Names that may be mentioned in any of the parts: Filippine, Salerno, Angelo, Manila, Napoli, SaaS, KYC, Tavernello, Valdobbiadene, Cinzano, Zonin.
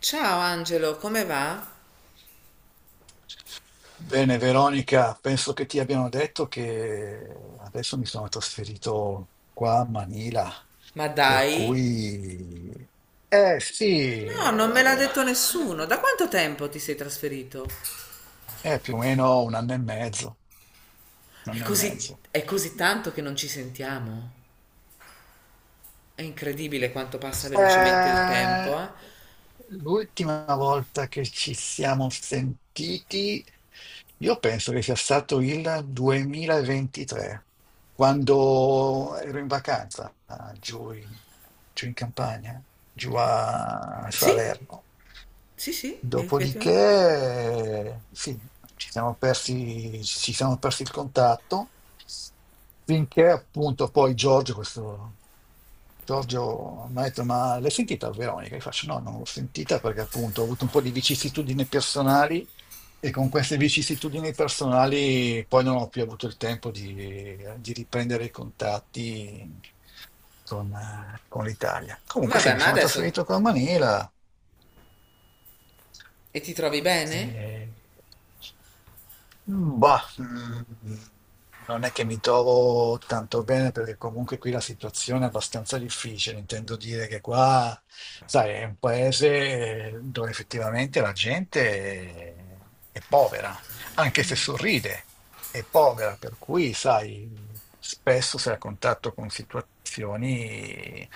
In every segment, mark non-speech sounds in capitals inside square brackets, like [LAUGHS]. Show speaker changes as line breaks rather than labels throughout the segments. Ciao Angelo, come va?
Bene, Veronica, penso che ti abbiano detto che adesso mi sono trasferito qua a Manila,
Ma
per
dai?
cui... Eh sì,
No, non me l'ha
eh,
detto nessuno. Da quanto tempo ti sei trasferito?
è più o meno un anno e mezzo, un anno e mezzo.
È così tanto che non ci sentiamo. È incredibile quanto passa velocemente il tempo,
Eh,
eh?
l'ultima volta che ci siamo sentiti, io penso che sia stato il 2023, quando ero in vacanza giù in campagna, giù a
Sì,
Salerno.
sì, sì, effettivamente.
Dopodiché, sì, ci siamo persi il contatto, finché appunto poi Giorgio mi ha detto, ma l'hai sentita Veronica? Io faccio, no, non l'ho sentita perché appunto ho avuto un po' di vicissitudini personali e con queste vicissitudini personali poi non ho più avuto il tempo di riprendere i contatti con l'Italia. Comunque sì,
Vabbè,
mi
ma
sono
adesso.
trasferito con Manila
E ti trovi bene?
eh, Mm, Bah, mm, non è che mi trovo tanto bene perché comunque qui la situazione è abbastanza difficile. Intendo dire che qua, sai, è un paese dove effettivamente è povera, anche se sorride, è povera, per cui, sai, spesso sei a contatto con situazioni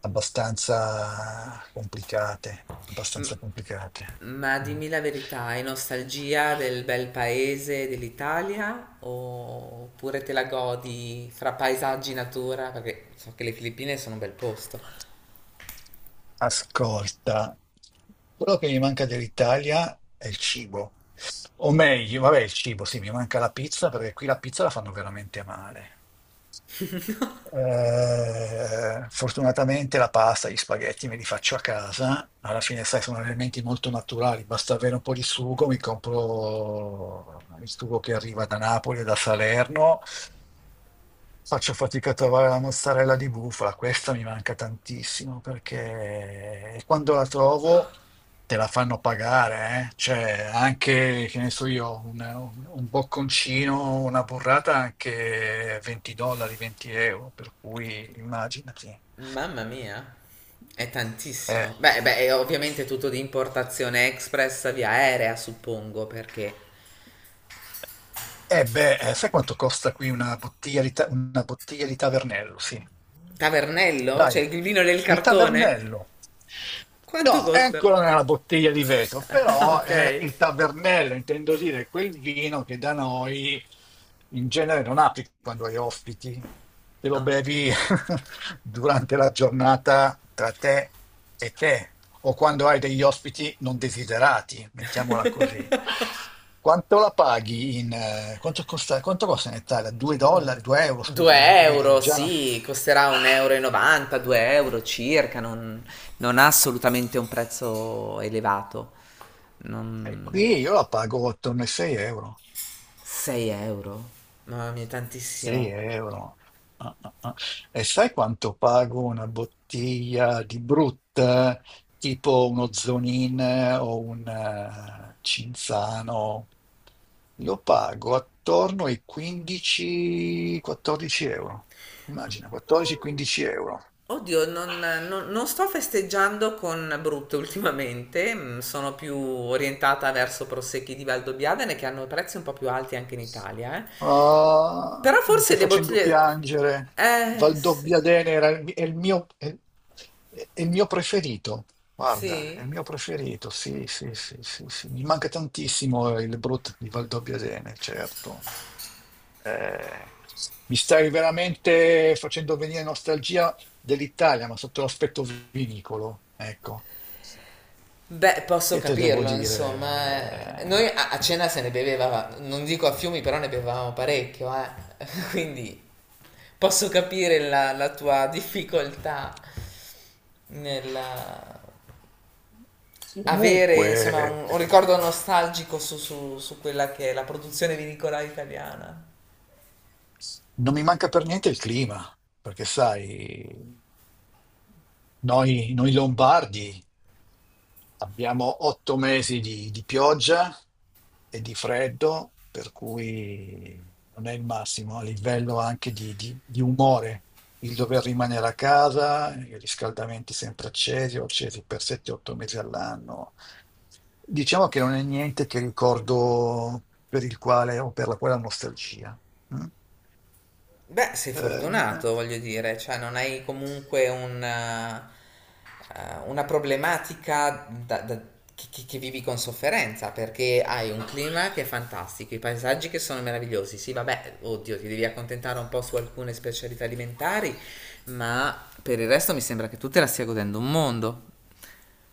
abbastanza complicate, abbastanza complicate.
Ma
Mm.
dimmi la verità, hai nostalgia del bel paese dell'Italia? Oppure te la godi fra paesaggi e natura? Perché so che le Filippine sono un bel posto.
Ascolta, quello che mi manca dell'Italia è il cibo. O meglio, vabbè, il cibo, sì, mi manca la pizza perché qui la pizza la fanno veramente male. Fortunatamente la pasta, gli spaghetti me li faccio a casa. Alla fine, sai, sono elementi molto naturali. Basta avere un po' di sugo. Mi compro il sugo che arriva da Napoli e da Salerno. Faccio fatica a trovare la mozzarella di bufala. Questa mi manca tantissimo perché quando la trovo. Te la fanno pagare, eh? Cioè, anche, che ne so io, un bocconcino, una burrata anche 20 dollari, 20 euro, per cui immaginati.
Mamma mia, è
Eh,
tantissimo. Beh, beh, è ovviamente tutto di importazione express via aerea, suppongo, perché.
eh beh, sai quanto costa qui una bottiglia una bottiglia di Tavernello? Sì.
Tavernello?
Dai,
Cioè il vino del
il
cartone?
Tavernello.
Quanto
No,
costa?
eccola
[LAUGHS]
nella bottiglia di vetro,
Ah,
però
ok,
è il Tavernello, intendo dire quel vino che da noi in genere non apri quando hai ospiti, te lo
ok.
bevi [LAUGHS] durante la giornata tra te e te, o quando hai degli ospiti non desiderati, mettiamola così. Quanto la paghi in... quanto costa in Italia? 2 dollari, 2 euro,
2
scusami, vedi,
euro, sì, costerà 1,90 euro, 2 euro circa, non ha assolutamente un prezzo elevato.
eh,
Non.
Qui io la pago attorno ai 6 euro.
6 euro? Mamma mia,
6
tantissimo.
euro. Ah, ah, ah. E sai quanto pago una bottiglia di Brut, tipo uno Zonin o un Cinzano? Lo pago attorno ai 15-14 euro. Immagina, 14-15 euro.
Oddio, non sto festeggiando con Brut ultimamente, sono più orientata verso prosecchi di Valdobbiadene che hanno prezzi un po' più alti anche in Italia, eh.
Ah,
Però
mi
forse
stai
le
facendo
bottiglie.
piangere.
Sì,
Valdobbiadene era il, mi- è il mio preferito. Guarda, è il
sì.
mio preferito. Sì, sì, sì, sì, sì. Mi manca tantissimo il Brut di Valdobbiadene, certo. Eh, mi stai veramente facendo venire nostalgia dell'Italia, ma sotto l'aspetto vinicolo. Ecco,
Beh, posso
che te devo
capirlo, insomma, eh. Noi
dire?
a cena se ne beveva, non dico a fiumi, però ne bevevamo parecchio, eh. [LAUGHS] Quindi posso capire la tua difficoltà nella.
Eh,
Avere insomma
Comunque.
un ricordo nostalgico su quella che è la produzione vinicola italiana?
Non mi manca per niente il clima, perché sai, noi lombardi abbiamo 8 mesi di pioggia e di freddo, per cui non è il massimo a livello anche di umore. Il dover rimanere a casa, i riscaldamenti sempre accesi, o accesi per 7-8 mesi all'anno. Diciamo che non è niente che ricordo per il quale o per la quale ho nostalgia. Mm?
Beh, sei
Eh,
fortunato, voglio dire, cioè non hai comunque un una problematica che vivi con sofferenza, perché hai un clima che è fantastico, i paesaggi che sono meravigliosi. Sì, vabbè, oddio, ti devi accontentare un po' su alcune specialità alimentari, ma per il resto mi sembra che tu te la stia godendo un mondo.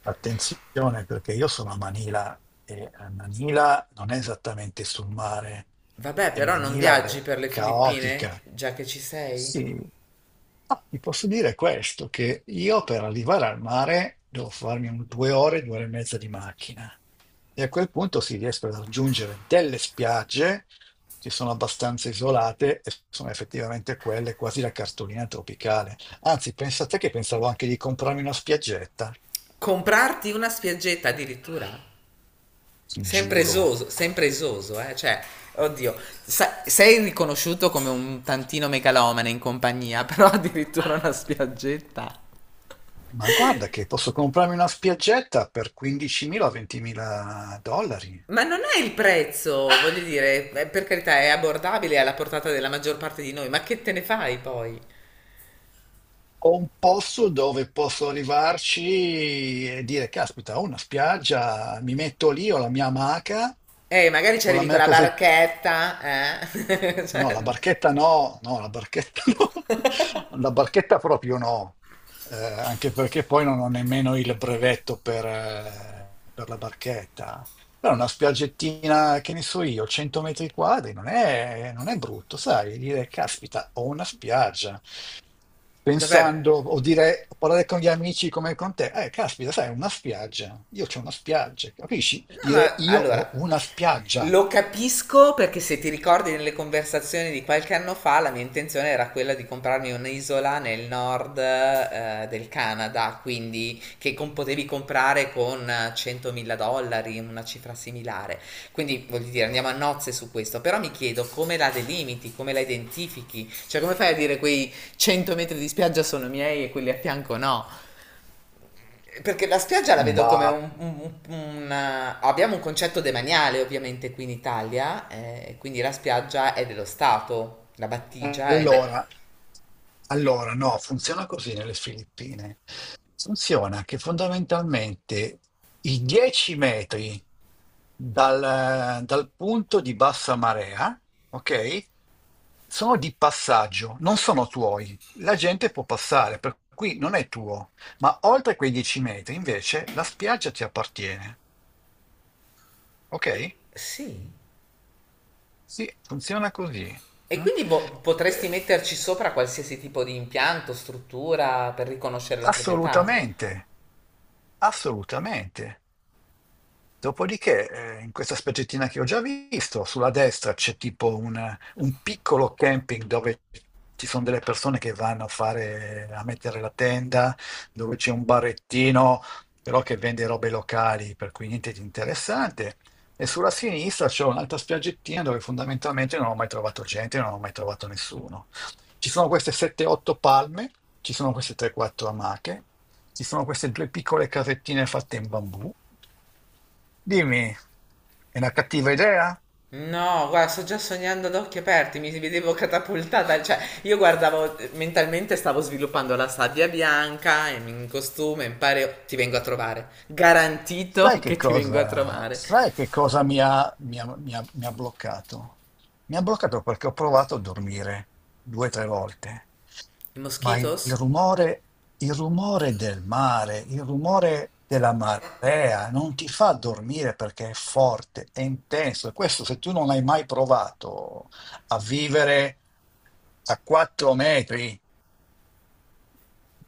Attenzione perché io sono a Manila e a Manila non è esattamente sul mare
Vabbè,
e
però non
Manila
viaggi
è
per le Filippine,
caotica.
già che ci sei?
Sì, ti posso dire questo, che io per arrivare al mare devo farmi un 2 ore, 2 ore e mezza di macchina e a quel punto si riescono a raggiungere delle spiagge che sono abbastanza isolate e sono effettivamente quelle quasi la cartolina tropicale. Anzi, pensate che pensavo anche di comprarmi una spiaggetta.
Comprarti una spiaggetta addirittura?
Giuro.
Sempre esoso, eh? Cioè, oddio, sei riconosciuto come un tantino megalomane in compagnia, [LAUGHS] però addirittura una spiaggetta.
Ma guarda che posso comprarmi una spiaggetta per 15.000-20.000 dollari.
Ma non è il prezzo, voglio dire, per carità è abbordabile è alla portata della maggior parte di noi, ma che te ne fai poi?
Ho un posto dove posso arrivarci e dire, caspita, ho una spiaggia, mi metto lì, ho la mia amaca,
Magari ci
ho la
arrivi con
mia
la
casetta
barchetta, eh? [LAUGHS]
No,
Cioè,
la barchetta no, no, la barchetta [LAUGHS] no, la barchetta proprio no. Anche perché poi non ho nemmeno il brevetto per la barchetta. Però una spiaggettina, che ne so io, 100 metri quadri, non è brutto, sai, dire, caspita, ho una spiaggia.
vabbè,
Pensando, o dire, o parlare con gli amici come con te, caspita, sai, una spiaggia, io c'ho una spiaggia, capisci?
no,
Dire,
ma
io ho
allora,
una spiaggia.
lo capisco perché se ti ricordi nelle conversazioni di qualche anno fa, la mia intenzione era quella di comprarmi un'isola nel nord del Canada, quindi che potevi comprare con 100.000 dollari, una cifra similare. Quindi voglio dire, andiamo a nozze su questo, però mi chiedo come la delimiti, come la identifichi, cioè come fai a dire quei 100 metri di spiaggia sono miei e quelli a fianco no? Perché la spiaggia la vedo come
Bah,
un. Abbiamo un concetto demaniale ovviamente qui in Italia, quindi la spiaggia è dello Stato, la battigia è.
allora, Allora, no, funziona così nelle Filippine. Funziona che fondamentalmente i 10 metri dal punto di bassa marea, ok, sono di passaggio, non sono tuoi. La gente può passare, per cui non è tuo. Ma oltre quei 10 metri, invece, la spiaggia ti appartiene, ok?
Sì.
Sì, funziona così.
E
Mm?
quindi potresti
Eh,
metterci sopra qualsiasi tipo di impianto, struttura per riconoscere la proprietà?
assolutamente, assolutamente. Dopodiché, in questa specie che ho già visto, sulla destra c'è tipo un piccolo camping dove ci son delle persone che vanno a fare a mettere la tenda, dove c'è un barettino, però che vende robe locali, per cui niente di interessante. E sulla sinistra c'è un'altra spiaggettina dove fondamentalmente non ho mai trovato gente, non ho mai trovato nessuno. Ci sono queste 7, 8 palme, ci sono queste 3, 4 amache. Ci sono queste due piccole casettine fatte in bambù. Dimmi, è una cattiva idea?
No, guarda, sto già sognando ad occhi aperti, mi vedevo catapultata, cioè io guardavo mentalmente stavo sviluppando la sabbia bianca in costume, in pareo, ti vengo a trovare.
Sai
Garantito
che
che ti vengo a
cosa,
trovare.
sai che cosa mi ha bloccato? Mi ha bloccato perché ho provato a dormire 2 o 3 volte,
I
ma
moschitos?
il rumore del mare, il rumore della marea non ti fa dormire perché è forte, è intenso. E questo se tu non hai mai provato a vivere a 4 metri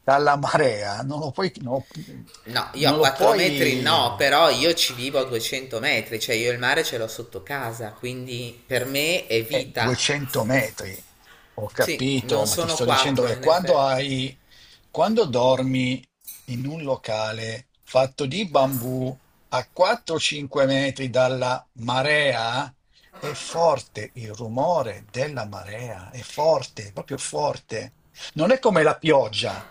dalla marea, non lo puoi, non lo
No, io a
non lo
4 metri no,
puoi.
però io ci vivo a 200 metri, cioè io il mare ce l'ho sotto casa, quindi per me è vita.
200 metri, ho
Sì,
capito,
non
ma ti
sono
sto dicendo
4
che
in effetti.
quando dormi in un locale fatto di bambù a 4-5 metri dalla marea, è forte il rumore della marea, è forte, proprio forte. Non è come la pioggia,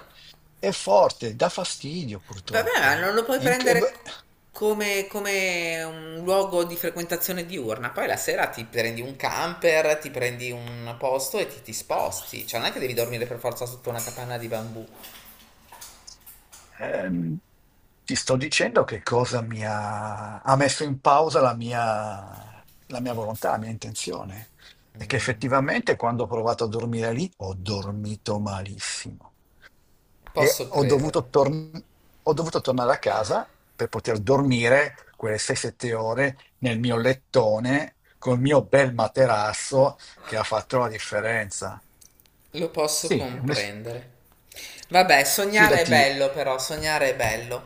è forte, dà fastidio
Vabbè, ma
purtroppo.
non lo puoi
È inc- è-
prendere come un luogo di frequentazione diurna. Poi la sera ti prendi un camper, ti prendi un posto e ti sposti. Cioè, non è che devi dormire per forza sotto una capanna di bambù.
Ehm, ti sto dicendo che cosa ha messo in pausa la mia volontà, la mia intenzione. E che effettivamente quando ho provato a dormire lì ho dormito malissimo e
Posso crederlo.
ho dovuto tornare a casa per poter dormire quelle 6-7 ore nel mio lettone col mio bel materasso che ha fatto la differenza.
Lo posso
Sì,
comprendere. Vabbè, sognare è
fidati.
bello però, sognare è bello.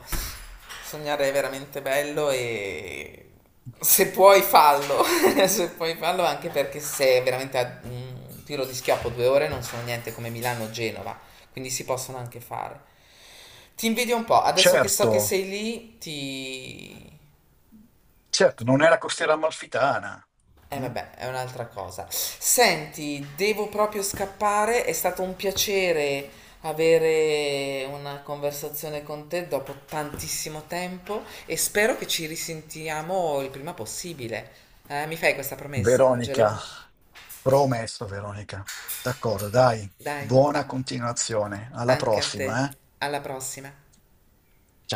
Sognare è veramente bello e se puoi fallo, [LAUGHS] se puoi fallo anche perché se è veramente a un tiro di schioppo 2 ore non sono niente come Milano o Genova, quindi si possono anche fare. Ti invidio un po', adesso che so
Certo,
che sei lì, ti.
certo, non è la costiera amalfitana.
Eh
Mm?
vabbè, è un'altra cosa. Senti, devo proprio scappare, è stato un piacere avere una conversazione con te dopo tantissimo tempo e spero che ci risentiamo il prima possibile. Mi fai questa promessa,
Veronica,
Angelo?
promesso Veronica. D'accordo, dai,
Dai,
buona continuazione. Alla
anche a te.
prossima, eh?
Alla prossima.